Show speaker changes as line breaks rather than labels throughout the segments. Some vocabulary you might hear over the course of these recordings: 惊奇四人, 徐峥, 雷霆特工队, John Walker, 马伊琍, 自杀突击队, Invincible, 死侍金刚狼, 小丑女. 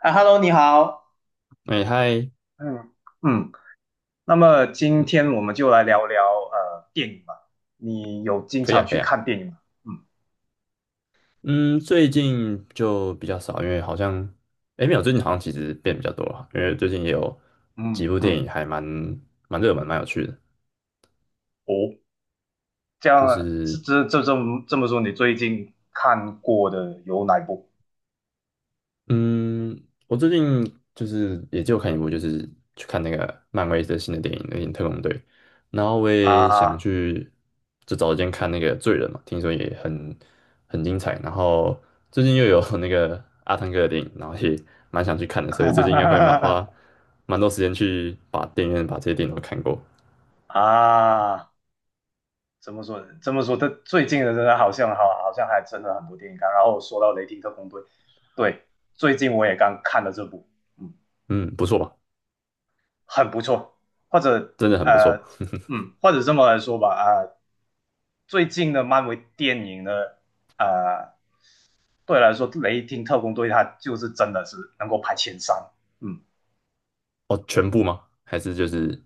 啊，Hello，你好。
哎嗨，
嗯嗯，那么今天我们就来聊聊电影吧。你有经
可以
常
啊，可
去
以啊。
看电影吗？嗯
嗯，最近就比较少，因为好像，哎，没有，最近好像其实变比较多了，因为最近也有几
嗯
部电
嗯，
影还蛮热门，蛮有趣的。
哦，这
就
样
是
这么说，你最近看过的有哪一部
嗯，我最近就是也就看一部，就是去看那个漫威的新的电影《那个特工队》，然后我也想
啊？
去，就找时间看那个《罪人》嘛，听说也很精彩。然后最近又有 那个阿汤哥的电影，然后也蛮想去看的，所以最近应该会蛮花 蛮多时间去把电影院把这些电影都看过。
啊，怎么说？这么说，他最近的真的好像好，好像还真的很多电影看。然后说到《雷霆特工队》，对，最近我也刚看了这部。嗯，
嗯，不错吧？
很不错，或者
真的很不错。
呃，或者这么来说吧，最近的漫威电影呢，啊，对我来说，《雷霆特工队》它就是真的是能够排前三，嗯，
哦，全部吗？还是就是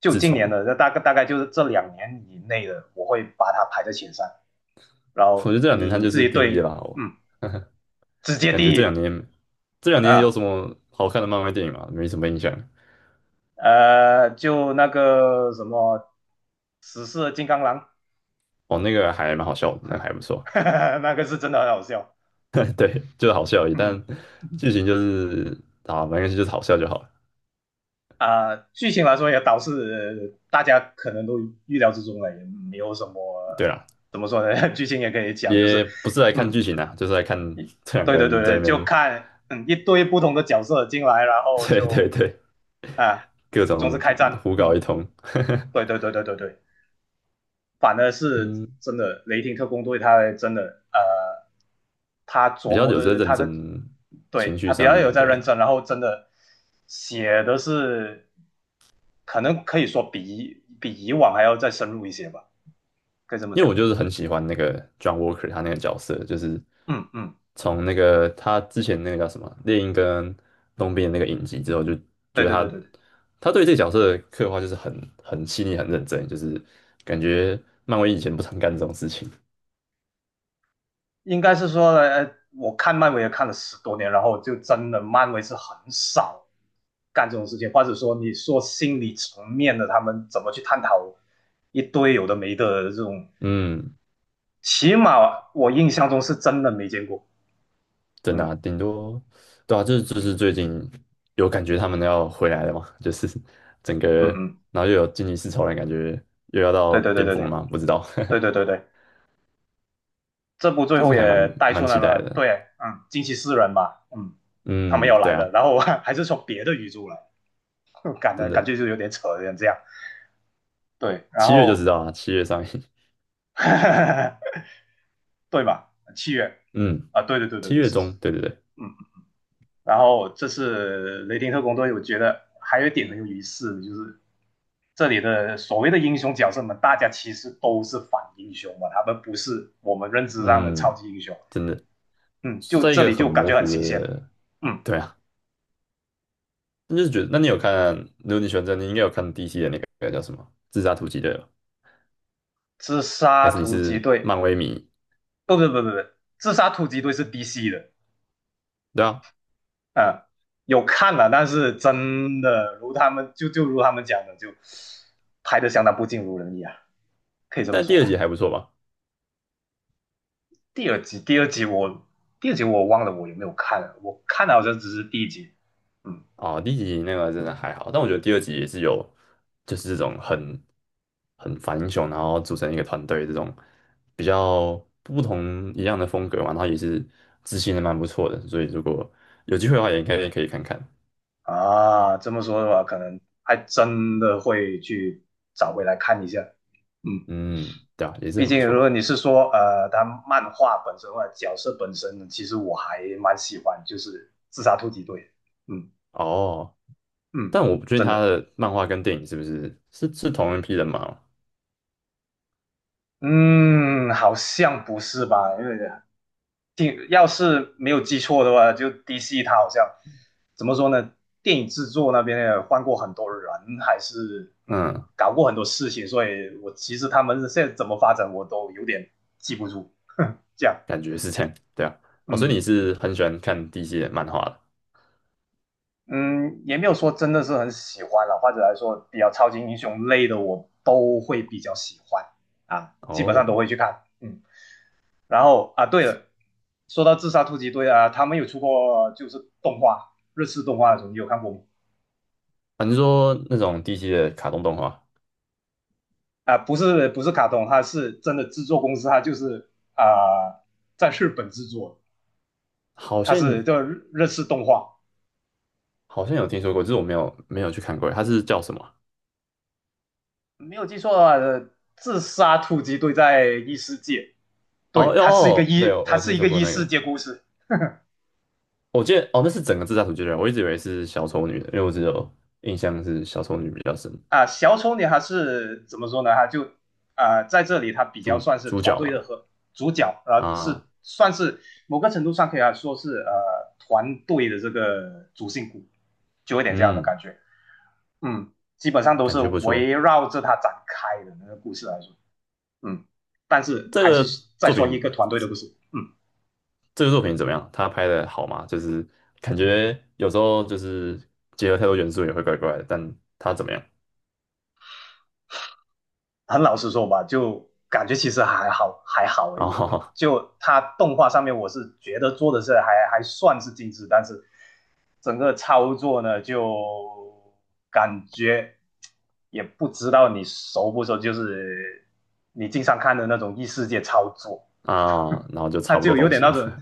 就
自
今
从？
年的，那大概就是这2年以内的，我会把它排在前三。然
我觉
后
得这两年他
你
就
自
是
己
第一了
对，
吧，我。
嗯，直接
感觉
第
这两
一
年这两年有什
啊，
么好看的漫威电影吗？没什么印象。
就那个什么，死侍金刚狼，
哦，那个还蛮好笑的，那个还不 错。
那个是真的很好笑，
对，就是好笑而已，但
嗯。
剧情就是啊，没关系，就是好笑就好了。
剧情来说也导致大家可能都预料之中了，也没有什么
对啦，
怎么说呢？剧情也可以讲，就是
也不是来看
嗯，
剧情啊，就是来看这两个
对对对
人在
对，
那
就
边，
看一堆不同的角色进来，然后
对对
就
对，
啊，
各
总是
种
开战，
胡搞
嗯，
一通。
对对对对对对。反而是
嗯，
真的雷霆特工队，他真的呃，他
比
琢
较
磨
有在
的
认
他
真
的，
情
对
绪
他比
上
较有
面，
在
对
认
啊。
真，然后真的写的是，可能可以说比以往还要再深入一些吧，可以这么
因为
讲。
我就是很喜欢那个 John Walker 他那个角色，就是
嗯嗯，
从那个他之前那个叫什么猎鹰跟冬兵的那个影集之后，就觉
对
得
对对对
他
对，
他对这个角色的刻画就是很细腻、很认真，就是感觉漫威以前不常干这种事情。
应该是说，我看漫威也看了10多年，然后就真的漫威是很少干这种事情，或者说你说心理层面的，他们怎么去探讨一堆有的没的这种，
嗯，
起码我印象中是真的没见过。
真的
嗯
啊，顶多对啊，就是最近有感觉他们要回来了嘛，就是整
嗯
个
嗯，
然后又有惊奇四超人，感觉又要
对
到
对对
巅
对
峰了
对
嘛，不知道，
对对对 对，这部最
就
后
是还蛮
也带出
蛮
来
期待
了，
的。
对，嗯，惊奇四人吧，嗯，他们
嗯，
要
对
来了，
啊。
然后还是从别的宇宙来，
真
感
的，
觉就有点扯，有点这样。对，然
七月就知
后
道啊，七月上映，
对吧？七月
嗯，
啊，对对对对
七
对，
月
是是，
中，对对对，
嗯。然后这次雷霆特工队，我觉得还有一点很有意思的，就是这里的所谓的英雄角色们，大家其实都是反英雄嘛，他们不是我们认知上的超
嗯，
级英雄。
真的
嗯，
是
就
在一
这
个
里
很
就感
模
觉很
糊
新鲜的，
的，
嗯，
对啊，那就是觉得，那你有看，如果你喜欢这样，你应该有看 DC 的那个叫什么《自杀突击队》吧？
自
还
杀
是你
突击
是
队，
漫威迷？
不不不不不，自杀突击队是 DC 的，
对啊，
啊、嗯有看了，但是真的如他们如他们讲的，就拍的相当不尽如人意啊，可以这么
但
说
第二
吧。
集还不错吧？
第二集，第二集我第二集我忘了我有没有看了，我看了好像只是第一集。嗯
哦，第一集那个真的还好，但我觉得第二集也是有，就是这种很反英雄，然后组成一个团队这种比较不同一样的风格嘛，然后也是执行的蛮不错的，所以如果有机会的话，也应该也可以看看。
啊，这么说的话，可能还真的会去找回来看一下。嗯，
嗯，对啊，也是
毕
很不
竟如果
错
你是说他漫画本身或者角色本身，呢，其实我还蛮喜欢，就是自杀突击队。嗯
哦。
嗯，
但我不确定
真
他
的。
的漫画跟电影是不是同一批人嘛？
嗯，好像不是吧？因为听，要是没有记错的话，就 DC 他好像怎么说呢？电影制作那边也换过很多人，还是
嗯，
搞过很多事情，所以我其实他们现在怎么发展我都有点记不住。这样，
感觉是这样，对啊。哦，所以
嗯
你是很喜欢看 DC 的漫画的
嗯，也没有说真的是很喜欢了，或者来说比较超级英雄类的我都会比较喜欢啊，基本上都
哦？
会去看。嗯，然后啊，对了，说到自杀突击队啊，他们有出过就是动画，日式动画的时候，你有看过吗？
反正说那种 DC 的卡通动画？
不是不是卡通，它是真的制作公司，它就是啊、呃在日本制作，
好
它
像
是叫日式动画。
好像有听说过，就是我没有去看过，它是叫什么啊？
没有记错的话，自杀突击队在异世界，对，
哦哟，哦对，我
它
有
是
听
一
说
个
过
异
那个，
世界故事
我记得哦，那是整个自杀突击队，我一直以为是小丑女的，因为我只有印象是小丑女比较深，
啊。小丑女还是怎么说呢？她就在这里她比较
主
算是
主
团
角
队的
嘛，
和主角，啊，
啊，
是算是某个程度上可以来说是团队的这个主心骨，就有点这样的
嗯，
感觉。嗯，基本上都
感
是
觉不错。
围绕着它展开的那个故事来说，嗯，但是
这
还是
个
再
作
说一个
品，
团队的故事，嗯，
这个作品怎么样？他拍的好吗？就是感觉有时候就是结合太多元素也会怪怪的，但他怎么样？
很老实说吧，就感觉其实还好，还好而
然
已。
后
就它动画上面，我是觉得做的是还算是精致，但是整个操作呢，就感觉也不知道你熟不熟，就是你经常看的那种异世界操作，
啊，然后就
它
差不多
就有
东
点
西
那
嘛。
种，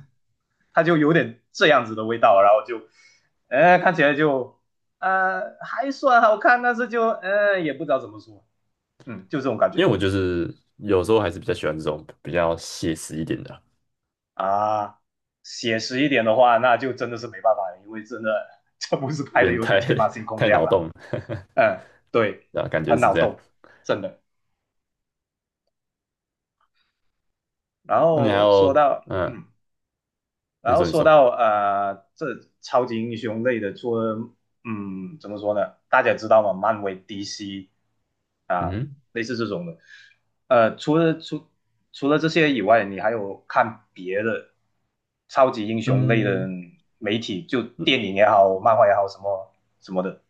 它就有点这样子的味道，然后就，看起来就，还算好看，但是就，也不知道怎么说，嗯，就这种感
因
觉
为我就是有时候还是比较喜欢这种比较写实一点的啊，
啊。写实一点的话，那就真的是没办法了，因为真的这不是
有
拍的
点
有点
太
天马行 空
太
这样
脑
啦。
洞了，
嗯，对，
对啊，感觉
很
是
脑
这样。
洞，真的。然
那你还
后说
有，
到，嗯，然
你
后
说你
说
说，
到这超级英雄类的，除了怎么说呢？大家知道吗？漫威、DC 啊，
嗯
类似这种的。呃，除了除除了这些以外，你还有看别的超级英雄类的
嗯，
媒体，就电影也好，漫画也好，什么什么的，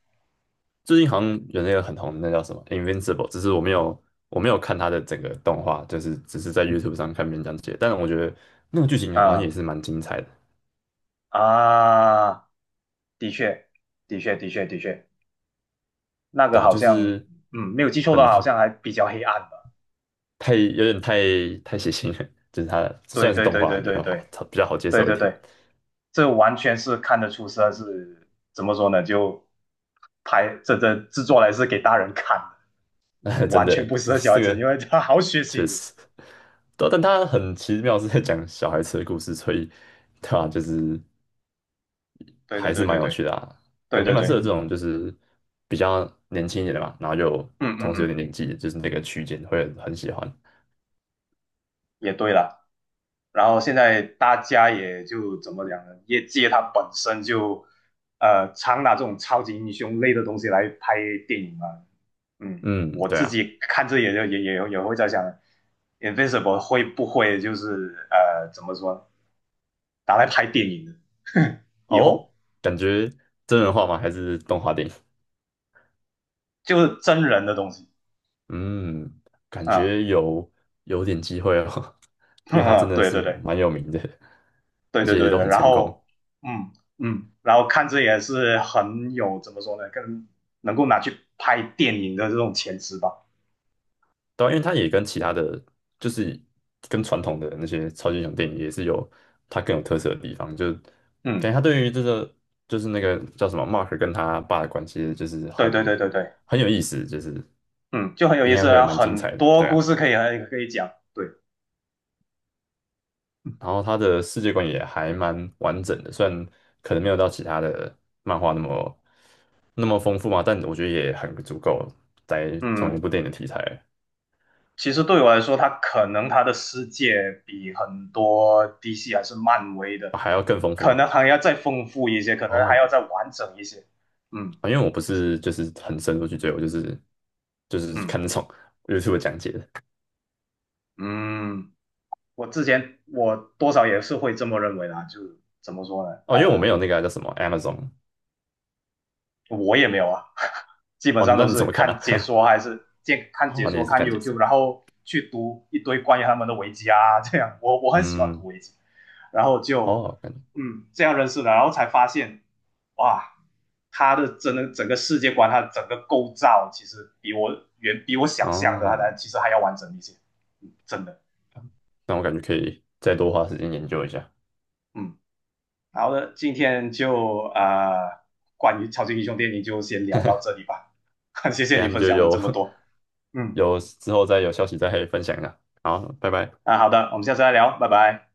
最近好像有那个很红的，那叫什么《Invincible》，只是我没有看它的整个动画，就是只是在 YouTube 上看别人讲解，但是我觉得那个剧情好像也
啊
是蛮精彩的，
啊，的确，的确，那个
对啊，
好
就
像
是
嗯，没有记错的
很
话，好像还比较黑暗吧。
太有点太血腥了，就是它虽
对
然是
对
动
对
画
对
比
对
较好，
对。
比较好接
对
受一
对
点。
对，这完全是看得出是怎么说呢？就这制作来是给大人看的，
真
完
的，
全不适
这
合小孩
这
子，
个
因为他好血
确
腥的。
实，对啊但他很奇妙是在讲小孩子的故事，所以对啊，就是
对对
还是
对对
蛮有
对
趣的啊，
对
感觉
对
蛮适合
对，
这种就是比较年轻一点的嘛，然后就
嗯嗯
同时有
嗯，
点年纪，就是那个区间会很喜欢。
也对了。然后现在大家也就怎么讲呢？业界它本身就常拿这种超级英雄类的东西来拍电影嘛。嗯，
嗯，
我
对
自
啊，
己看这也就也也也会在想，Invincible 会不会就是怎么说拿来拍电影的，以
哦，
后
感觉真人化吗？还是动画电影？
就是真人的东西，
嗯，感
啊、
觉有点机会哦，因为他真
嗯
的
对
是
对对
蛮有名的，
对
而
对
且
对，
都很
然
成功。
后嗯嗯，然后看这也是很有怎么说呢，更能够拿去拍电影的这种潜质吧，
对啊因为他也跟其他的，就是跟传统的那些超级英雄电影也是有它更有特色的地方，就感
嗯，
觉他对于这个就是那个叫什么 Mark 跟他爸的关系，就是
对对
很
对对对，
很有意思，就是
嗯，就很有
应
意
该
思
会
啊，
蛮精
很
彩的，
多
对
故
啊。
事可以讲，对，
然后他的世界观也还蛮完整的，虽然可能没有到其他的漫画那么丰富嘛，但我觉得也很足够，在同一
嗯，
部电影的题材，
其实对我来说，他可能他的世界比很多 DC 还是漫威的，
啊还要更丰富
可
嘛。
能还要再丰富一些，可能还
哦，
要再完整一些，嗯
啊，因为我不是就是很深入去追，我就是
嗯。
看那种 YouTube 讲解的。
嗯，我之前我多少也是会这么认为啦，就怎么说呢？
哦，因为我没有那个啊叫什么 Amazon。
我也没有啊，基本
哦，
上
那
都
你怎
是
么看呢、啊
看解
哦，你
说
也是
看
看解
YouTube，
说。
然后去读一堆关于他们的维基啊，这样我很喜欢读
嗯，
维基，然后就
哦，感觉
这样认识的，然后才发现哇，真的整个世界观，他的整个构造其实远比我想象的，他
哦，
其实还要完整一些，嗯真的，
那我感觉可以再多花时间研究一下，
嗯。好的，今天就关于超级英雄电影就先聊到这里吧。谢谢你
看
分
就
享了这
有
么多，嗯，
有之后再有消息再分享一下。好，拜拜。
啊，好的，我们下次再聊，拜拜。